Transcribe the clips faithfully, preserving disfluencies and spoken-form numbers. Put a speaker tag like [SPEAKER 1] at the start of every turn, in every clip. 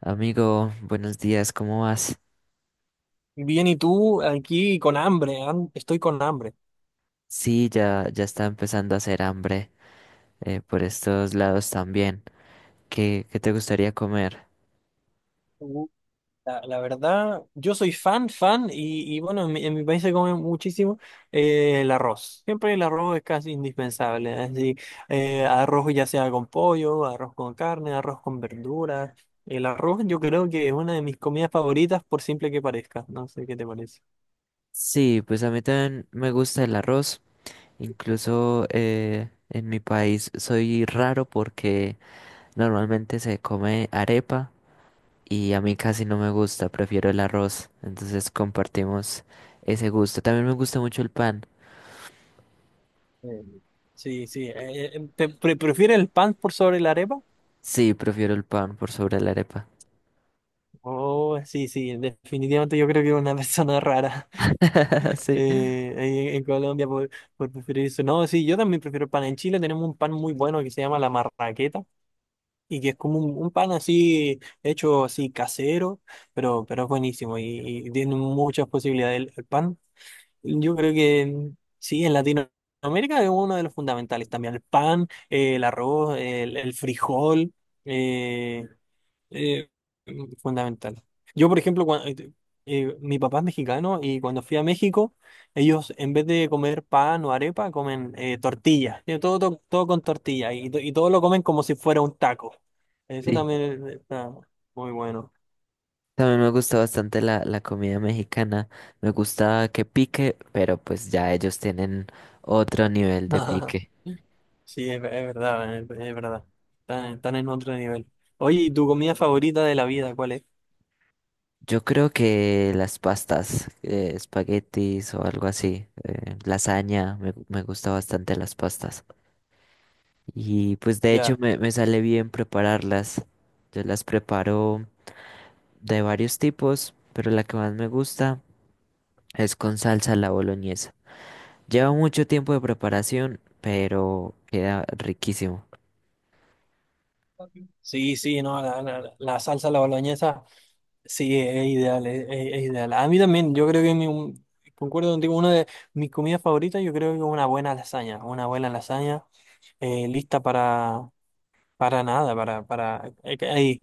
[SPEAKER 1] Amigo, buenos días, ¿cómo vas?
[SPEAKER 2] Bien, ¿y tú aquí con hambre? am- Estoy con hambre.
[SPEAKER 1] Sí, ya, ya está empezando a hacer hambre eh, por estos lados también. ¿Qué, qué te gustaría comer?
[SPEAKER 2] Uh, La, la verdad, yo soy fan, fan, y, y bueno, en mi, en mi país se come muchísimo eh, el arroz. Siempre el arroz es casi indispensable. Así, eh, arroz ya sea con pollo, arroz con carne, arroz con verduras. El arroz yo creo que es una de mis comidas favoritas, por simple que parezca. No sé qué te parece.
[SPEAKER 1] Sí, pues a mí también me gusta el arroz. Incluso eh, en mi país soy raro porque normalmente se come arepa y a mí casi no me gusta, prefiero el arroz. Entonces compartimos ese gusto. También me gusta mucho el pan.
[SPEAKER 2] eh, Sí, sí. eh, eh, ¿te pre- prefieres el pan por sobre la arepa?
[SPEAKER 1] Sí, prefiero el pan por sobre la arepa.
[SPEAKER 2] Oh, sí, sí, definitivamente yo creo que es una persona rara.
[SPEAKER 1] Sí.
[SPEAKER 2] eh, ahí en en Colombia por, por preferir eso. No, sí, yo también prefiero el pan. En Chile tenemos un pan muy bueno que se llama la marraqueta y que es como un, un pan así hecho así casero, pero, pero es buenísimo y, y tiene muchas posibilidades el, el pan. Yo creo que sí, en Latinoamérica es uno de los fundamentales también. El pan, eh, el arroz, el, el frijol. eh, eh, fundamental. Yo, por ejemplo, cua- eh, eh, mi papá es mexicano y cuando fui a México, ellos en vez de comer pan o arepa, comen eh, tortilla. Tiene Todo, todo, todo con tortilla y, to- y todo lo comen como si fuera un taco. Eso
[SPEAKER 1] Sí.
[SPEAKER 2] también está muy bueno.
[SPEAKER 1] También me gusta bastante la, la comida mexicana. Me gusta que pique, pero pues ya ellos tienen otro nivel de pique.
[SPEAKER 2] Sí, es, es verdad, es, es verdad. Están, están en otro nivel. Oye, ¿y tu comida favorita de la vida cuál es?
[SPEAKER 1] Yo creo que las pastas, eh, espaguetis o algo así, eh, lasaña, me, gu- me gusta bastante las pastas. Y pues de hecho
[SPEAKER 2] Ya.
[SPEAKER 1] me, me sale bien prepararlas. Yo las preparo de varios tipos, pero la que más me gusta es con salsa a la boloñesa. Lleva mucho tiempo de preparación, pero queda riquísimo.
[SPEAKER 2] Sí, sí, no, la, la- la salsa, la boloñesa. Sí, es ideal, es, es- es ideal. A mí también, yo creo que mi, un- concuerdo contigo, una de mis comidas favoritas, yo creo que es una buena lasaña, una buena lasaña eh, lista para, para nada, para, para eh, que- ahí,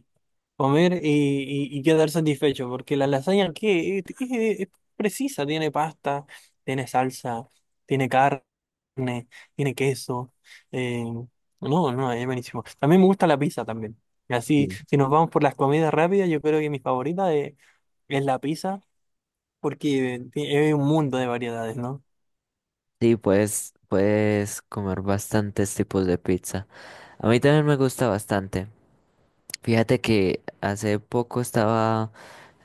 [SPEAKER 2] comer y, y- y quedar satisfecho, porque la lasaña que es, es- es precisa, tiene pasta, tiene salsa, tiene carne, tiene queso. eh, no, no, es buenísimo. También me gusta la pizza también. Así, si nos vamos por las comidas rápidas, yo creo que mi favorita es es la pizza, porque ti- hay un mundo de variedades, ¿no?
[SPEAKER 1] Sí, puedes, puedes comer bastantes tipos de pizza. A mí también me gusta bastante. Fíjate que hace poco estaba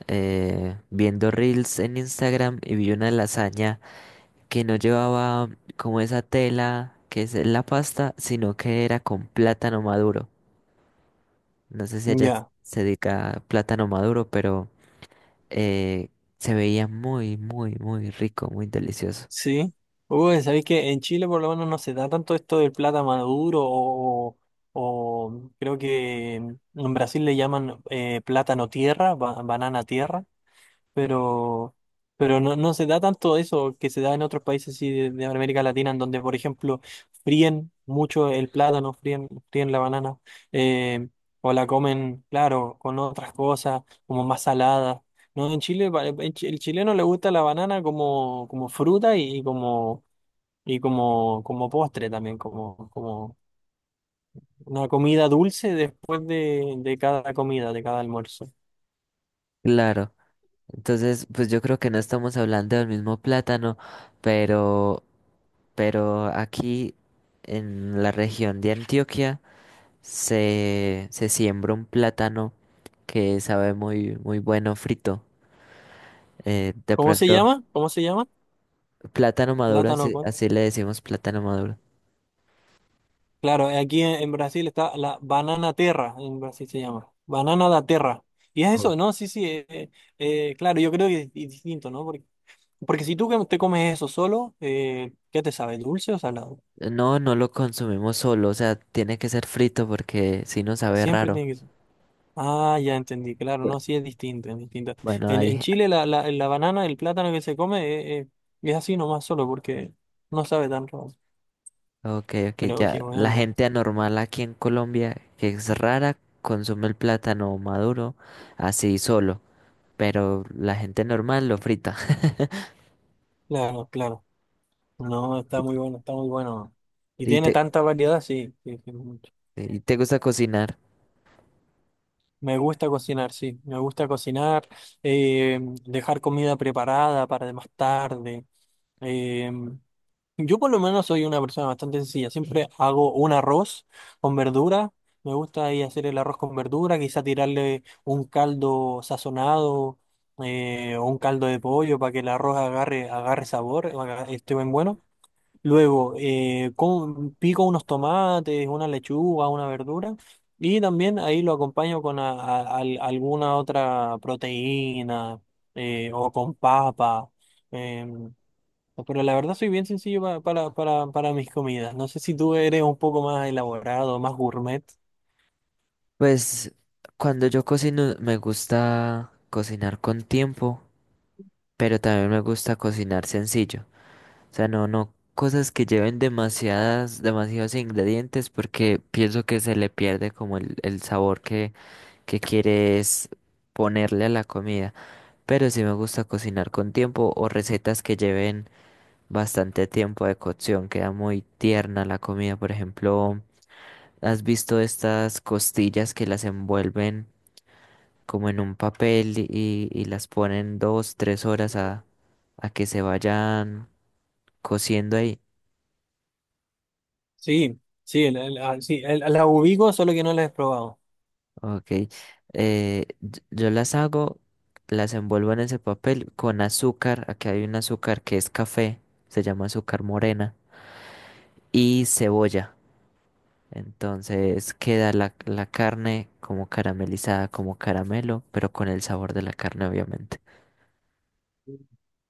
[SPEAKER 1] eh, viendo reels en Instagram y vi una lasaña que no llevaba como esa tela que es la pasta, sino que era con plátano maduro. No sé si allá
[SPEAKER 2] Ya,
[SPEAKER 1] se dedica a plátano maduro, pero eh, se veía muy, muy, muy rico, muy delicioso.
[SPEAKER 2] sí. Uy, sabéis que en Chile por lo menos no se da tanto esto del plátano maduro o, o creo que en Brasil le llaman eh, plátano tierra, ba- banana tierra. pero, pero no, no se da tanto eso que se da en otros países así de, de América Latina, en donde, por ejemplo, fríen mucho el plátano, fríen, fríen la banana, eh, o la comen, claro, con otras cosas, como más salada. No, en Chile, pa- eh, en chi- el chileno le gusta la banana como, como fruta y y como, y como, como postre también, como, como una comida dulce después de, de cada comida, de cada almuerzo.
[SPEAKER 1] Claro. Entonces, pues yo creo que no estamos hablando del mismo plátano, pero, pero aquí en la región de Antioquia se, se siembra un plátano que sabe muy, muy bueno frito. Eh, de
[SPEAKER 2] ¿Cómo se
[SPEAKER 1] pronto,
[SPEAKER 2] llama? ¿Cómo se llama?
[SPEAKER 1] plátano maduro,
[SPEAKER 2] Plátano
[SPEAKER 1] así,
[SPEAKER 2] con
[SPEAKER 1] así le decimos plátano maduro.
[SPEAKER 2] claro, eh, aquí en, en Brasil está la banana terra, en Brasil se llama, banana da terra. Y es
[SPEAKER 1] Oh.
[SPEAKER 2] eso, ¿no? Sí, sí, eh, eh, eh, claro, yo creo que es, di- distinto, ¿no? Porque, porque si tú que- te comes eso solo, eh, ¿qué te sabe? ¿Dulce o salado?
[SPEAKER 1] No, no lo consumimos solo, o sea, tiene que ser frito porque si no sabe
[SPEAKER 2] Siempre
[SPEAKER 1] raro.
[SPEAKER 2] tiene que ser. Ah, ya entendí, claro,
[SPEAKER 1] Bu-
[SPEAKER 2] no, sí es distinto, es distinto.
[SPEAKER 1] Bueno,
[SPEAKER 2] En, en
[SPEAKER 1] hay
[SPEAKER 2] Chile la, la, la banana, el plátano que se come eh, eh, es así nomás solo porque no sabe tan raro.
[SPEAKER 1] ok, ok,
[SPEAKER 2] Pero
[SPEAKER 1] ya.
[SPEAKER 2] qué
[SPEAKER 1] La
[SPEAKER 2] bueno,
[SPEAKER 1] gente anormal aquí en Colombia, que es rara, consume el plátano maduro así solo, pero la gente normal lo frita.
[SPEAKER 2] claro, claro. No, está muy bueno, está muy bueno. Y
[SPEAKER 1] ¿Y
[SPEAKER 2] tiene
[SPEAKER 1] te,
[SPEAKER 2] tanta variedad, sí. sí, sí.
[SPEAKER 1] y te gusta cocinar?
[SPEAKER 2] Me gusta cocinar, sí, me gusta cocinar, eh, dejar comida preparada para más tarde. Eh, yo por lo menos soy una persona bastante sencilla, siempre hago un arroz con verdura, me gusta ahí hacer el arroz con verdura, quizá tirarle un caldo sazonado eh, o un caldo de pollo para que el arroz agarre, agarre sabor, haga- esté bien bueno. Luego, eh, con- pico unos tomates, una lechuga, una verdura y también ahí lo acompaño con a- a- al- alguna otra proteína eh, o con papa. em, pero la verdad soy bien sencillo pa- para, para, para mis comidas. No sé si tú eres un poco más elaborado, más gourmet.
[SPEAKER 1] Pues cuando yo cocino me gusta cocinar con tiempo, pero también me gusta cocinar sencillo. O sea, no, no cosas que lleven demasiadas, demasiados ingredientes porque pienso que se le pierde como el, el sabor que, que quieres ponerle a la comida. Pero sí me gusta cocinar con tiempo o recetas que lleven bastante tiempo de cocción. Queda muy tierna la comida. Por ejemplo, ¿has visto estas costillas que las envuelven como en un papel y, y las ponen dos, tres horas a, a que se vayan cociendo ahí?
[SPEAKER 2] Sí, sí, el- el- ah, sí, el- la ubico, solo que no la he probado.
[SPEAKER 1] Ok. Eh, y- yo las hago, las envuelvo en ese papel con azúcar. Aquí hay un azúcar que es café, se llama azúcar morena y cebolla. Entonces queda la, la carne como caramelizada, como caramelo, pero con el sabor de la carne, obviamente.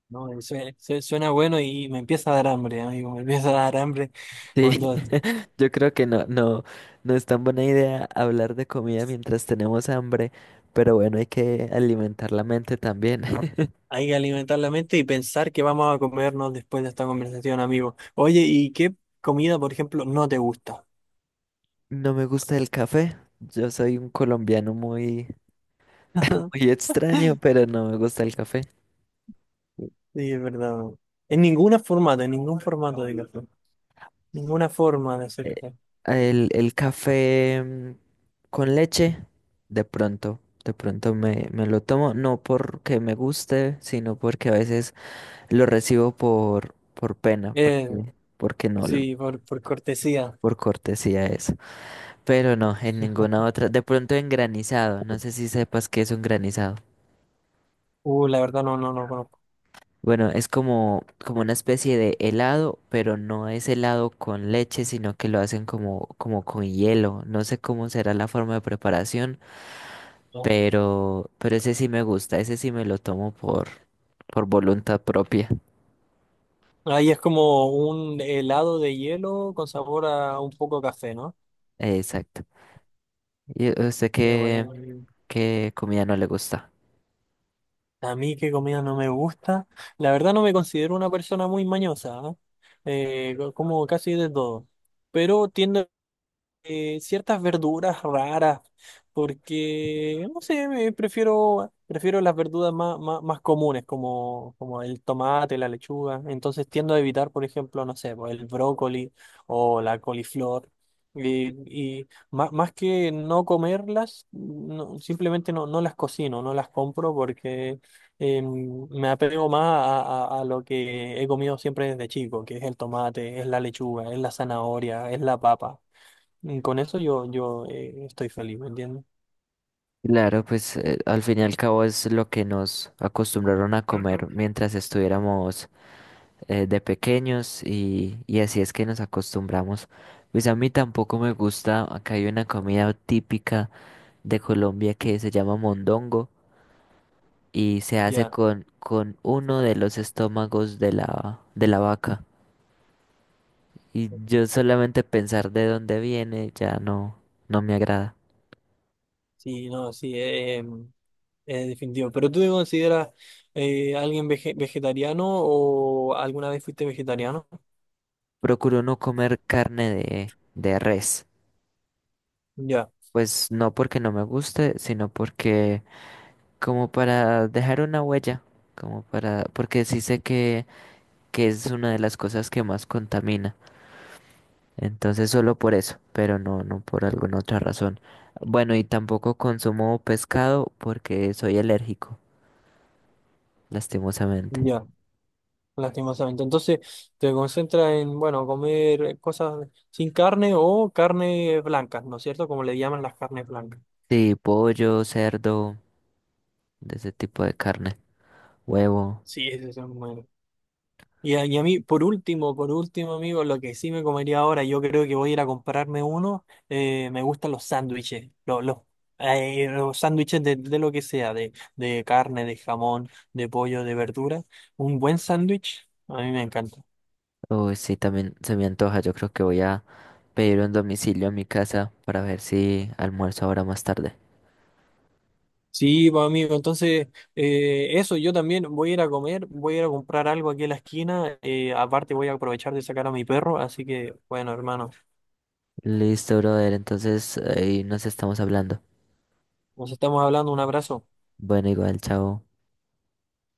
[SPEAKER 2] No, Sue- sue- suena bueno y me empieza a dar hambre, amigo, me empieza a dar hambre.
[SPEAKER 1] Sí, yo creo que no, no, no es tan buena idea hablar de comida mientras tenemos hambre, pero bueno, hay que alimentar la mente también.
[SPEAKER 2] Hay que alimentar la mente y pensar que vamos a comernos después de esta conversación, amigo. Oye, ¿y qué comida, por ejemplo, no te gusta?
[SPEAKER 1] No me gusta el café. Yo soy un colombiano muy, muy extraño, pero no me gusta el café.
[SPEAKER 2] Sí, es verdad. En ninguna formato, en ningún formato de café. Ninguna forma de hacer
[SPEAKER 1] Eh,
[SPEAKER 2] café.
[SPEAKER 1] El, el café mm, con leche, de pronto, de pronto me, me lo tomo, no porque me guste, sino porque a veces lo recibo por, por pena,
[SPEAKER 2] Eh,
[SPEAKER 1] porque, porque no, l-
[SPEAKER 2] sí, por, por cortesía.
[SPEAKER 1] por cortesía eso. Pero no, en ninguna otra. De pronto en granizado, no sé si sepas qué es un granizado.
[SPEAKER 2] Uh, la verdad no, no, no conozco.
[SPEAKER 1] Bueno, es como, como una especie de helado, pero no es helado con leche, sino que lo hacen como, como con hielo. No sé cómo será la forma de preparación.
[SPEAKER 2] No.
[SPEAKER 1] Pero, pero ese sí me gusta, ese sí me lo tomo por, por voluntad propia.
[SPEAKER 2] Ahí es como un helado de hielo con sabor a un poco a café, ¿no?
[SPEAKER 1] Exacto. ¿Y a usted
[SPEAKER 2] Qué
[SPEAKER 1] qué,
[SPEAKER 2] bueno.
[SPEAKER 1] qué comida no le gusta?
[SPEAKER 2] A mí qué comida no me gusta. La verdad no me considero una persona muy mañosa, ¿ah? Eh, co- como casi de todo. Pero tiendo eh, ciertas verduras raras, porque, no sé, me prefiero, prefiero las verduras más, más, más comunes, como, como el tomate, la lechuga. Entonces tiendo a evitar, por ejemplo, no sé, pues, el brócoli o la coliflor. Y, y más, más que no comerlas, no- simplemente no, no las cocino, no las compro porque eh, me apego más a, a- a lo que he comido siempre desde chico, que es el tomate, es la lechuga, es la zanahoria, es la papa. Y con eso yo, yo eh, estoy feliz, ¿me entiendes?
[SPEAKER 1] Claro, pues eh, al fin y al cabo es lo que nos acostumbraron a
[SPEAKER 2] Ujú.
[SPEAKER 1] comer mientras estuviéramos eh, de pequeños y, y así es que nos acostumbramos. Pues a mí tampoco me gusta, acá hay una comida típica de Colombia que se llama mondongo y se hace
[SPEAKER 2] Ya,
[SPEAKER 1] con, con uno de los estómagos de la, de la vaca. Y yo solamente pensar de dónde viene ya no, no me agrada.
[SPEAKER 2] sí, no, sí, eh, em, es definitivo. ¿Pero tú te consideras eh, alguien vege- vegetariano o alguna vez fuiste vegetariano?
[SPEAKER 1] Procuro no comer carne de, de res.
[SPEAKER 2] Ya,
[SPEAKER 1] Pues no porque no me guste, sino porque como para dejar una huella, como para, porque sí sé que, que es una de las cosas que más contamina. Entonces solo por eso, pero no, no por alguna otra razón. Bueno, y tampoco consumo pescado porque soy alérgico, lastimosamente.
[SPEAKER 2] ya, lastimosamente. Entonces, te concentras en, bueno, comer cosas sin carne o carne blancas, ¿no es cierto? Como le llaman las carnes blancas.
[SPEAKER 1] Sí, pollo, cerdo, de ese tipo de carne, huevo.
[SPEAKER 2] Sí, ese es el y a, y a mí, por último, por último, amigo, lo que sí me comería ahora, yo creo que voy a ir a comprarme uno. eh, me gustan los sándwiches, los, los, eh, los sándwiches de, de lo que sea, de, de carne, de jamón, de pollo, de verdura. Un buen sándwich, a mí me encanta.
[SPEAKER 1] Uy, sí, también se me antoja. Yo creo que voy a pedir un domicilio a mi casa para ver si almuerzo ahora más tarde.
[SPEAKER 2] Sí, pues, amigo, entonces, eh, eso, yo también voy a ir a comer, voy a ir a comprar algo aquí en la esquina. eh, aparte, voy a aprovechar de sacar a mi perro, así que, bueno, hermano,
[SPEAKER 1] Listo, brother. Entonces ahí nos estamos hablando.
[SPEAKER 2] nos estamos hablando, un abrazo.
[SPEAKER 1] Bueno, igual, chao.